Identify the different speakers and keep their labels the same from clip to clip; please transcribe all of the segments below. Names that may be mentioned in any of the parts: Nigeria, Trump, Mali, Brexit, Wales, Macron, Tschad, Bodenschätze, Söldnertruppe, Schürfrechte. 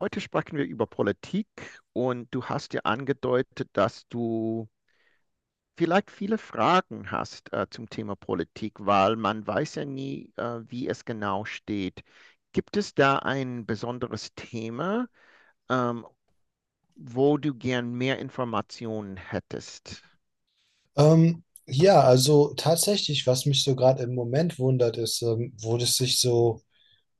Speaker 1: Heute sprechen wir über Politik und du hast ja angedeutet, dass du vielleicht viele Fragen hast zum Thema Politik, weil man weiß ja nie, wie es genau steht. Gibt es da ein besonderes Thema, ähm, wo du gern mehr Informationen hättest?
Speaker 2: Ja, also tatsächlich, was mich so gerade im Moment wundert, ist, wo das sich so,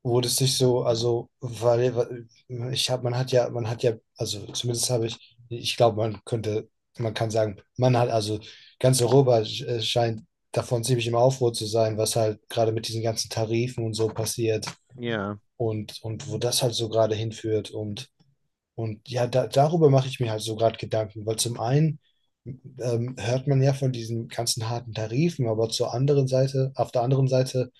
Speaker 2: wo das sich so, also, weil man hat ja, also zumindest habe ich, glaube, man kann sagen, man hat, also ganz Europa scheint davon ziemlich im Aufruhr zu sein, was halt gerade mit diesen ganzen Tarifen und so passiert
Speaker 1: Ja.
Speaker 2: und wo das halt so gerade hinführt und ja, darüber mache ich mir halt so gerade Gedanken, weil zum einen hört man ja von diesen ganzen harten Tarifen, aber auf der anderen Seite,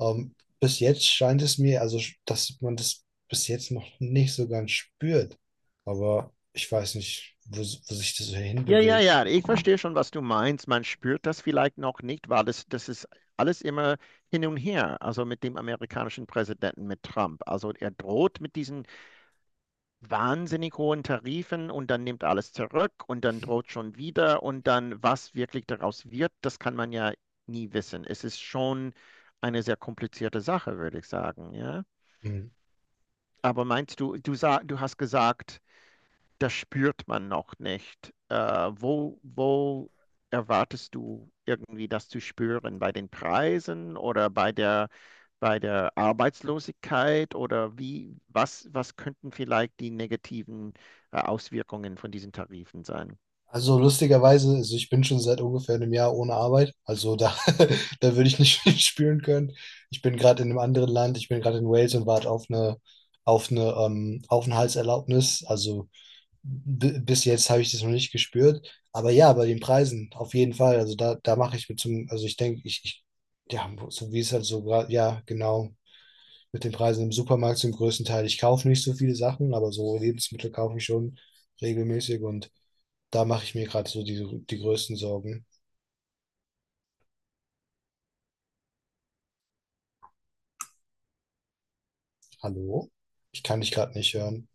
Speaker 2: ähm, bis jetzt scheint es mir, also dass man das bis jetzt noch nicht so ganz spürt. Aber ich weiß nicht, wo sich das so
Speaker 1: Ja, ja,
Speaker 2: hinbewegt.
Speaker 1: ja, ich verstehe schon, was du meinst. Man spürt das vielleicht noch nicht, weil das ist alles immer hin und her. Also mit dem amerikanischen Präsidenten, mit Trump. Also er droht mit diesen wahnsinnig hohen Tarifen und dann nimmt alles zurück und dann droht schon wieder und dann, was wirklich daraus wird, das kann man ja nie wissen. Es ist schon eine sehr komplizierte Sache, würde ich sagen, ja.
Speaker 2: Hm.
Speaker 1: Aber meinst du, du, sa du hast gesagt, das spürt man noch nicht. Wo erwartest du irgendwie das zu spüren? Bei den Preisen oder bei bei der Arbeitslosigkeit? Oder wie, was, was könnten vielleicht die negativen Auswirkungen von diesen Tarifen sein?
Speaker 2: Also lustigerweise, also ich bin schon seit ungefähr einem Jahr ohne Arbeit. Also da, da würde ich nicht viel spüren können. Ich bin gerade in einem anderen Land, ich bin gerade in Wales und warte auf eine Aufenthaltserlaubnis. Also bis jetzt habe ich das noch nicht gespürt. Aber ja, bei den Preisen, auf jeden Fall. Also da mache ich mir zum, also ich denke, ich, ja, so wie es halt so gerade, ja, genau, mit den Preisen im Supermarkt zum größten Teil. Ich kaufe nicht so viele Sachen, aber so Lebensmittel kaufe ich schon regelmäßig und da mache ich mir gerade so die größten Sorgen. Hallo? Ich kann dich gerade nicht hören.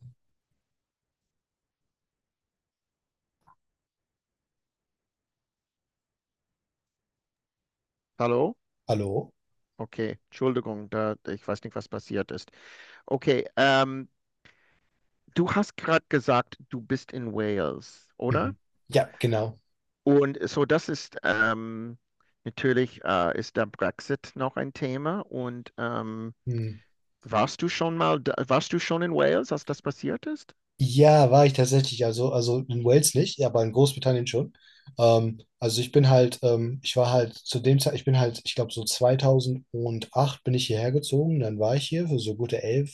Speaker 1: Hallo?
Speaker 2: Hallo?
Speaker 1: Okay, Entschuldigung, da, ich weiß nicht, was passiert ist. Okay, du hast gerade gesagt, du bist in Wales, oder?
Speaker 2: Mhm. Ja, genau.
Speaker 1: Und so, das ist natürlich ist der Brexit noch ein Thema.
Speaker 2: Hm.
Speaker 1: Warst du schon mal, da, warst du schon in Wales, als das passiert ist?
Speaker 2: Ja, war ich tatsächlich. Also in Wales nicht, ja, aber in Großbritannien schon. Also ich bin halt, ich war halt zu dem Zeit, ich bin halt, ich glaube so 2008 bin ich hierher gezogen. Dann war ich hier für so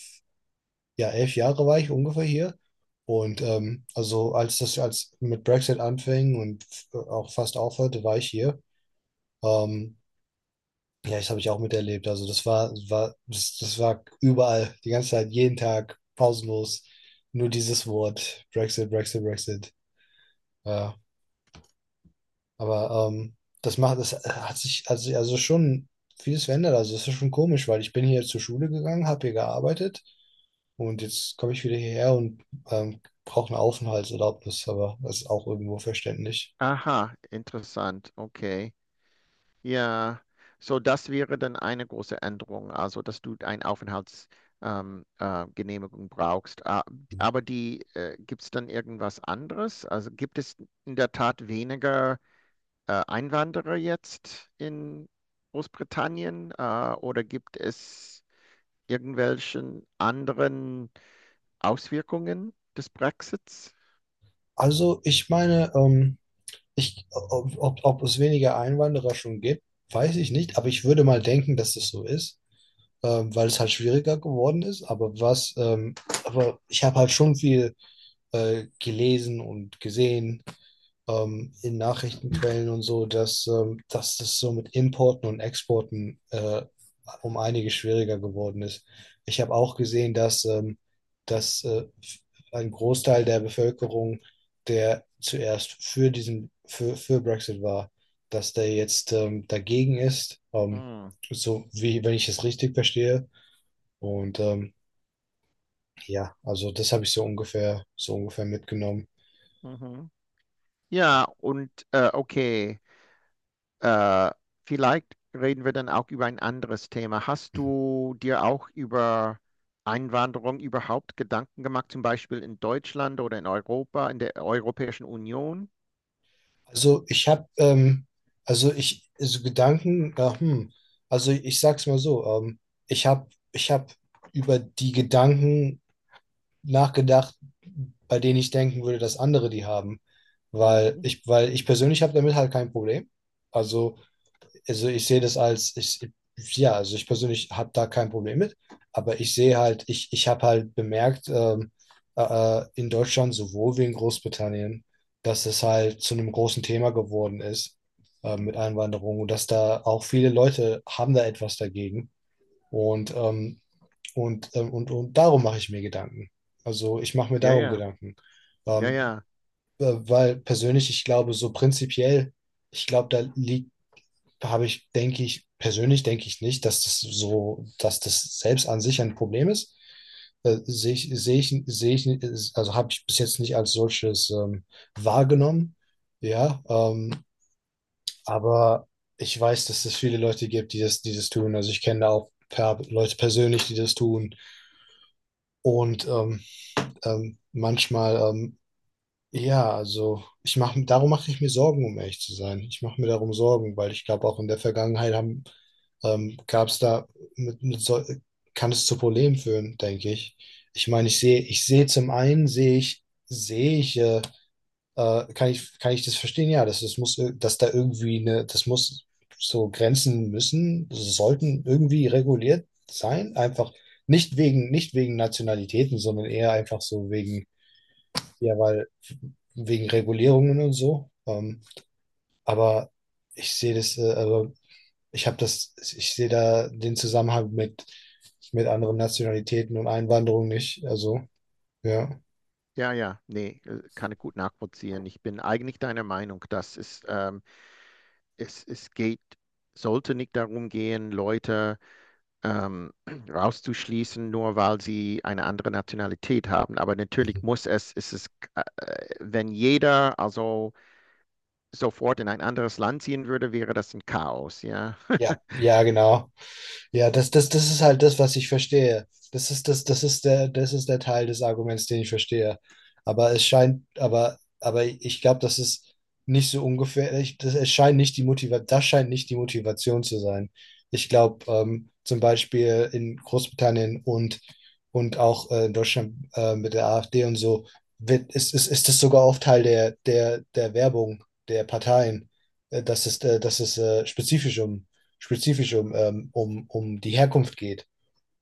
Speaker 2: ja, elf Jahre war ich ungefähr hier. Und also als mit Brexit anfing und auch fast aufhörte, war ich hier. Ähm, Ja, das habe ich auch miterlebt. Also das war überall, die ganze Zeit, jeden Tag, pausenlos. Nur dieses Wort, Brexit, Brexit, Brexit. Ja, aber das hat sich also schon vieles verändert. Also das ist schon komisch, weil ich bin hier zur Schule gegangen, habe hier gearbeitet und jetzt komme ich wieder hierher und brauche eine Aufenthaltserlaubnis, aber das ist auch irgendwo verständlich.
Speaker 1: Aha, interessant. Okay. Ja, so das wäre dann eine große Änderung, also dass du eine Aufenthaltsgenehmigung Genehmigung brauchst. Ah, aber die gibt es dann irgendwas anderes? Also gibt es in der Tat weniger Einwanderer jetzt in Großbritannien oder gibt es irgendwelchen anderen Auswirkungen des Brexits?
Speaker 2: Also ich meine, ob es weniger Einwanderer schon gibt, weiß ich nicht, aber ich würde mal denken, dass das so ist, weil es halt schwieriger geworden ist. Aber ich habe halt schon viel gelesen und gesehen in Nachrichtenquellen und so, dass das so mit Importen und Exporten um einiges schwieriger geworden ist. Ich habe auch gesehen, dass ein Großteil der Bevölkerung, der zuerst für für Brexit war, dass der jetzt dagegen ist,
Speaker 1: Hm.
Speaker 2: so wie wenn ich es richtig verstehe. Und ja, also das habe ich so ungefähr mitgenommen.
Speaker 1: Mhm. Ja, und okay. Äh, Vielleicht reden wir dann auch über ein anderes Thema. Hast du dir auch über Einwanderung überhaupt Gedanken gemacht, zum Beispiel in Deutschland oder in Europa, in der Europäischen Union?
Speaker 2: Also ich habe, also ich, so Gedanken, ja, hm, also ich sag's mal so, ich habe über die Gedanken nachgedacht, bei denen ich denken würde, dass andere die haben,
Speaker 1: Mhm.
Speaker 2: weil ich persönlich habe damit halt kein Problem. Also also ich sehe das als, ich, ja, also ich persönlich habe da kein Problem mit, aber ich sehe halt, ich habe halt bemerkt, äh, in Deutschland sowohl wie in Großbritannien, dass es halt zu einem großen Thema geworden ist mit Einwanderung und dass da auch viele Leute haben da etwas dagegen. Und, ähm, und, und darum mache ich mir Gedanken. Also ich mache mir
Speaker 1: Ja,
Speaker 2: darum
Speaker 1: ja,
Speaker 2: Gedanken.
Speaker 1: ja,
Speaker 2: Ähm,
Speaker 1: ja,
Speaker 2: weil persönlich, ich glaube, so prinzipiell, ich glaube, da liegt da habe ich, denke ich, persönlich denke ich nicht, dass das selbst an sich ein Problem ist. Sehe ich nicht, also habe ich bis jetzt nicht als solches wahrgenommen. Ja, aber ich weiß, dass es viele Leute gibt, die das tun. Also ich kenne da auch Leute persönlich, die das tun. Und manchmal ja, darum mache ich mir Sorgen, um ehrlich zu sein. Ich mache mir darum Sorgen, weil ich glaube, auch in der Vergangenheit gab es da, mit, mit so, kann es zu Problemen führen, denke ich. Ich sehe zum einen, sehe ich, kann ich, kann ich das verstehen? Ja, dass da irgendwie eine, das muss so Grenzen müssen, sollten irgendwie reguliert sein, einfach nicht wegen, nicht wegen Nationalitäten, sondern eher einfach so wegen ja, weil wegen Regulierungen und so. Aber ich sehe das, also ich sehe da den Zusammenhang mit anderen Nationalitäten und Einwanderung nicht. Also, ja.
Speaker 1: ja, ja. Nee, kann ich gut nachvollziehen. Ich bin eigentlich deiner Meinung, dass es, es, es geht, sollte nicht darum gehen, Leute, ähm, rauszuschließen, nur weil sie eine andere Nationalität haben. Aber
Speaker 2: Mhm.
Speaker 1: natürlich muss es, ist es, äh, wenn jeder also sofort in ein anderes Land ziehen würde, wäre das ein Chaos, ja.
Speaker 2: Ja, ja, genau. Ja, das ist halt das, was ich verstehe. Das ist das, das ist der Teil des Arguments, den ich verstehe. Aber ich glaube, das ist nicht so ungefährlich das, es scheint nicht die das scheint nicht die Motivation zu sein. Ich glaube, zum Beispiel in Großbritannien und auch in Deutschland mit der AfD und so, ist das sogar oft Teil der Werbung der Parteien, dass es spezifisch um, um die Herkunft geht.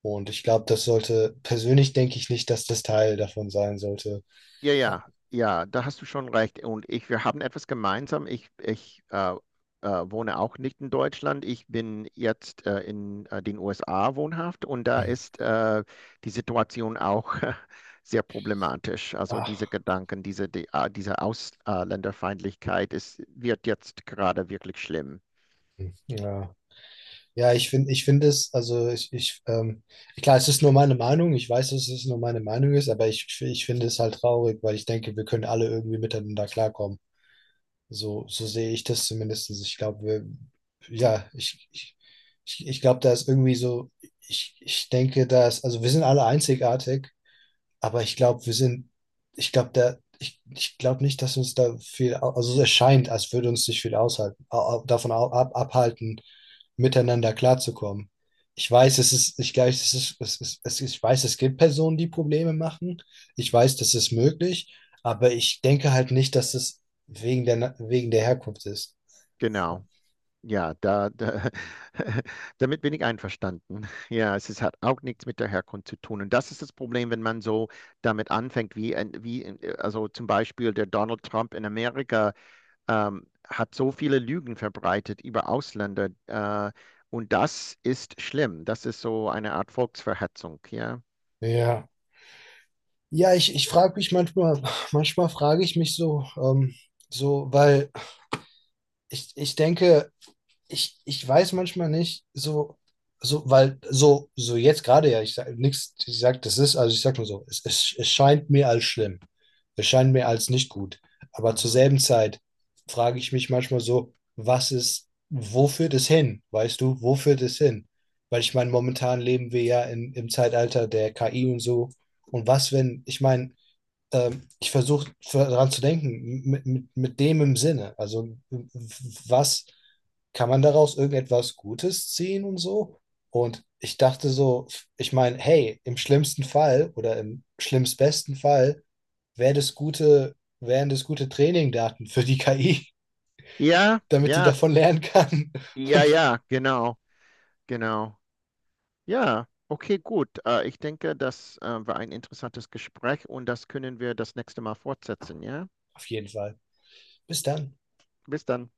Speaker 2: Und ich glaube, persönlich denke ich nicht, dass das Teil davon sein sollte.
Speaker 1: Ja, ja, ja, da hast du schon recht. Und ich, wir haben etwas gemeinsam. Ich wohne auch nicht in Deutschland. Ich bin jetzt in den USA wohnhaft und da ist die Situation auch sehr problematisch. Also
Speaker 2: Ach,
Speaker 1: diese Gedanken, diese, die, ah, diese Ausländerfeindlichkeit ist, wird jetzt gerade wirklich schlimm.
Speaker 2: ja. Ja, ich finde es, klar, es ist nur meine Meinung, ich weiß, dass es nur meine Meinung ist, aber ich finde es halt traurig, weil ich denke, wir können alle irgendwie miteinander klarkommen. So, so sehe ich das zumindest. Ich glaube, wir, ja, ich glaube, da ist irgendwie so, ich denke, also wir sind alle einzigartig. Aber ich glaube, wir sind, ich glaube, da, ich glaube nicht, dass uns da viel, also es erscheint, als würde uns nicht viel aushalten, davon abhalten, miteinander klarzukommen. Ich weiß, es ist, ich glaube, es ist, ich weiß, es gibt Personen, die Probleme machen. Ich weiß, das ist möglich, aber ich denke halt nicht, dass es wegen wegen der Herkunft ist.
Speaker 1: Genau. Ja, da, da, damit bin ich einverstanden. Ja, es ist, hat auch nichts mit der Herkunft zu tun. Und das ist das Problem, wenn man so damit anfängt, wie, ein- wie also zum Beispiel der Donald Trump in Amerika hat so viele Lügen verbreitet über Ausländer. Und das ist schlimm. Das ist so eine Art Volksverhetzung. Ja,
Speaker 2: Ja. Ja, ich frage mich manchmal, manchmal frage ich mich so, so, weil ich denke, ich weiß manchmal nicht, so jetzt gerade ja, ich sage nichts, ich sage, das ist, also ich sage nur so, es scheint mir als schlimm. Es scheint mir als nicht gut. Aber zur
Speaker 1: mhm,
Speaker 2: selben Zeit frage ich mich manchmal so, was ist, wo führt es hin? Weißt du, wo führt es hin? Weil ich meine, momentan leben wir im Zeitalter der KI und so. Und was, wenn, ich meine, ich versuche daran zu denken, mit dem im Sinne. Also, was kann man daraus irgendetwas Gutes ziehen und so? Und ich dachte so, ich meine, hey, im schlimmsten Fall oder im schlimmstbesten Fall wären das gute Trainingdaten für die KI,
Speaker 1: ja,
Speaker 2: damit die
Speaker 1: ja,
Speaker 2: davon lernen kann.
Speaker 1: ja, ja, genau, genau. Ja, okay, gut. Ich denke, das war ein interessantes Gespräch und das können wir das nächste Mal fortsetzen, ja?
Speaker 2: Auf jeden Fall. Bis dann.
Speaker 1: Bis dann.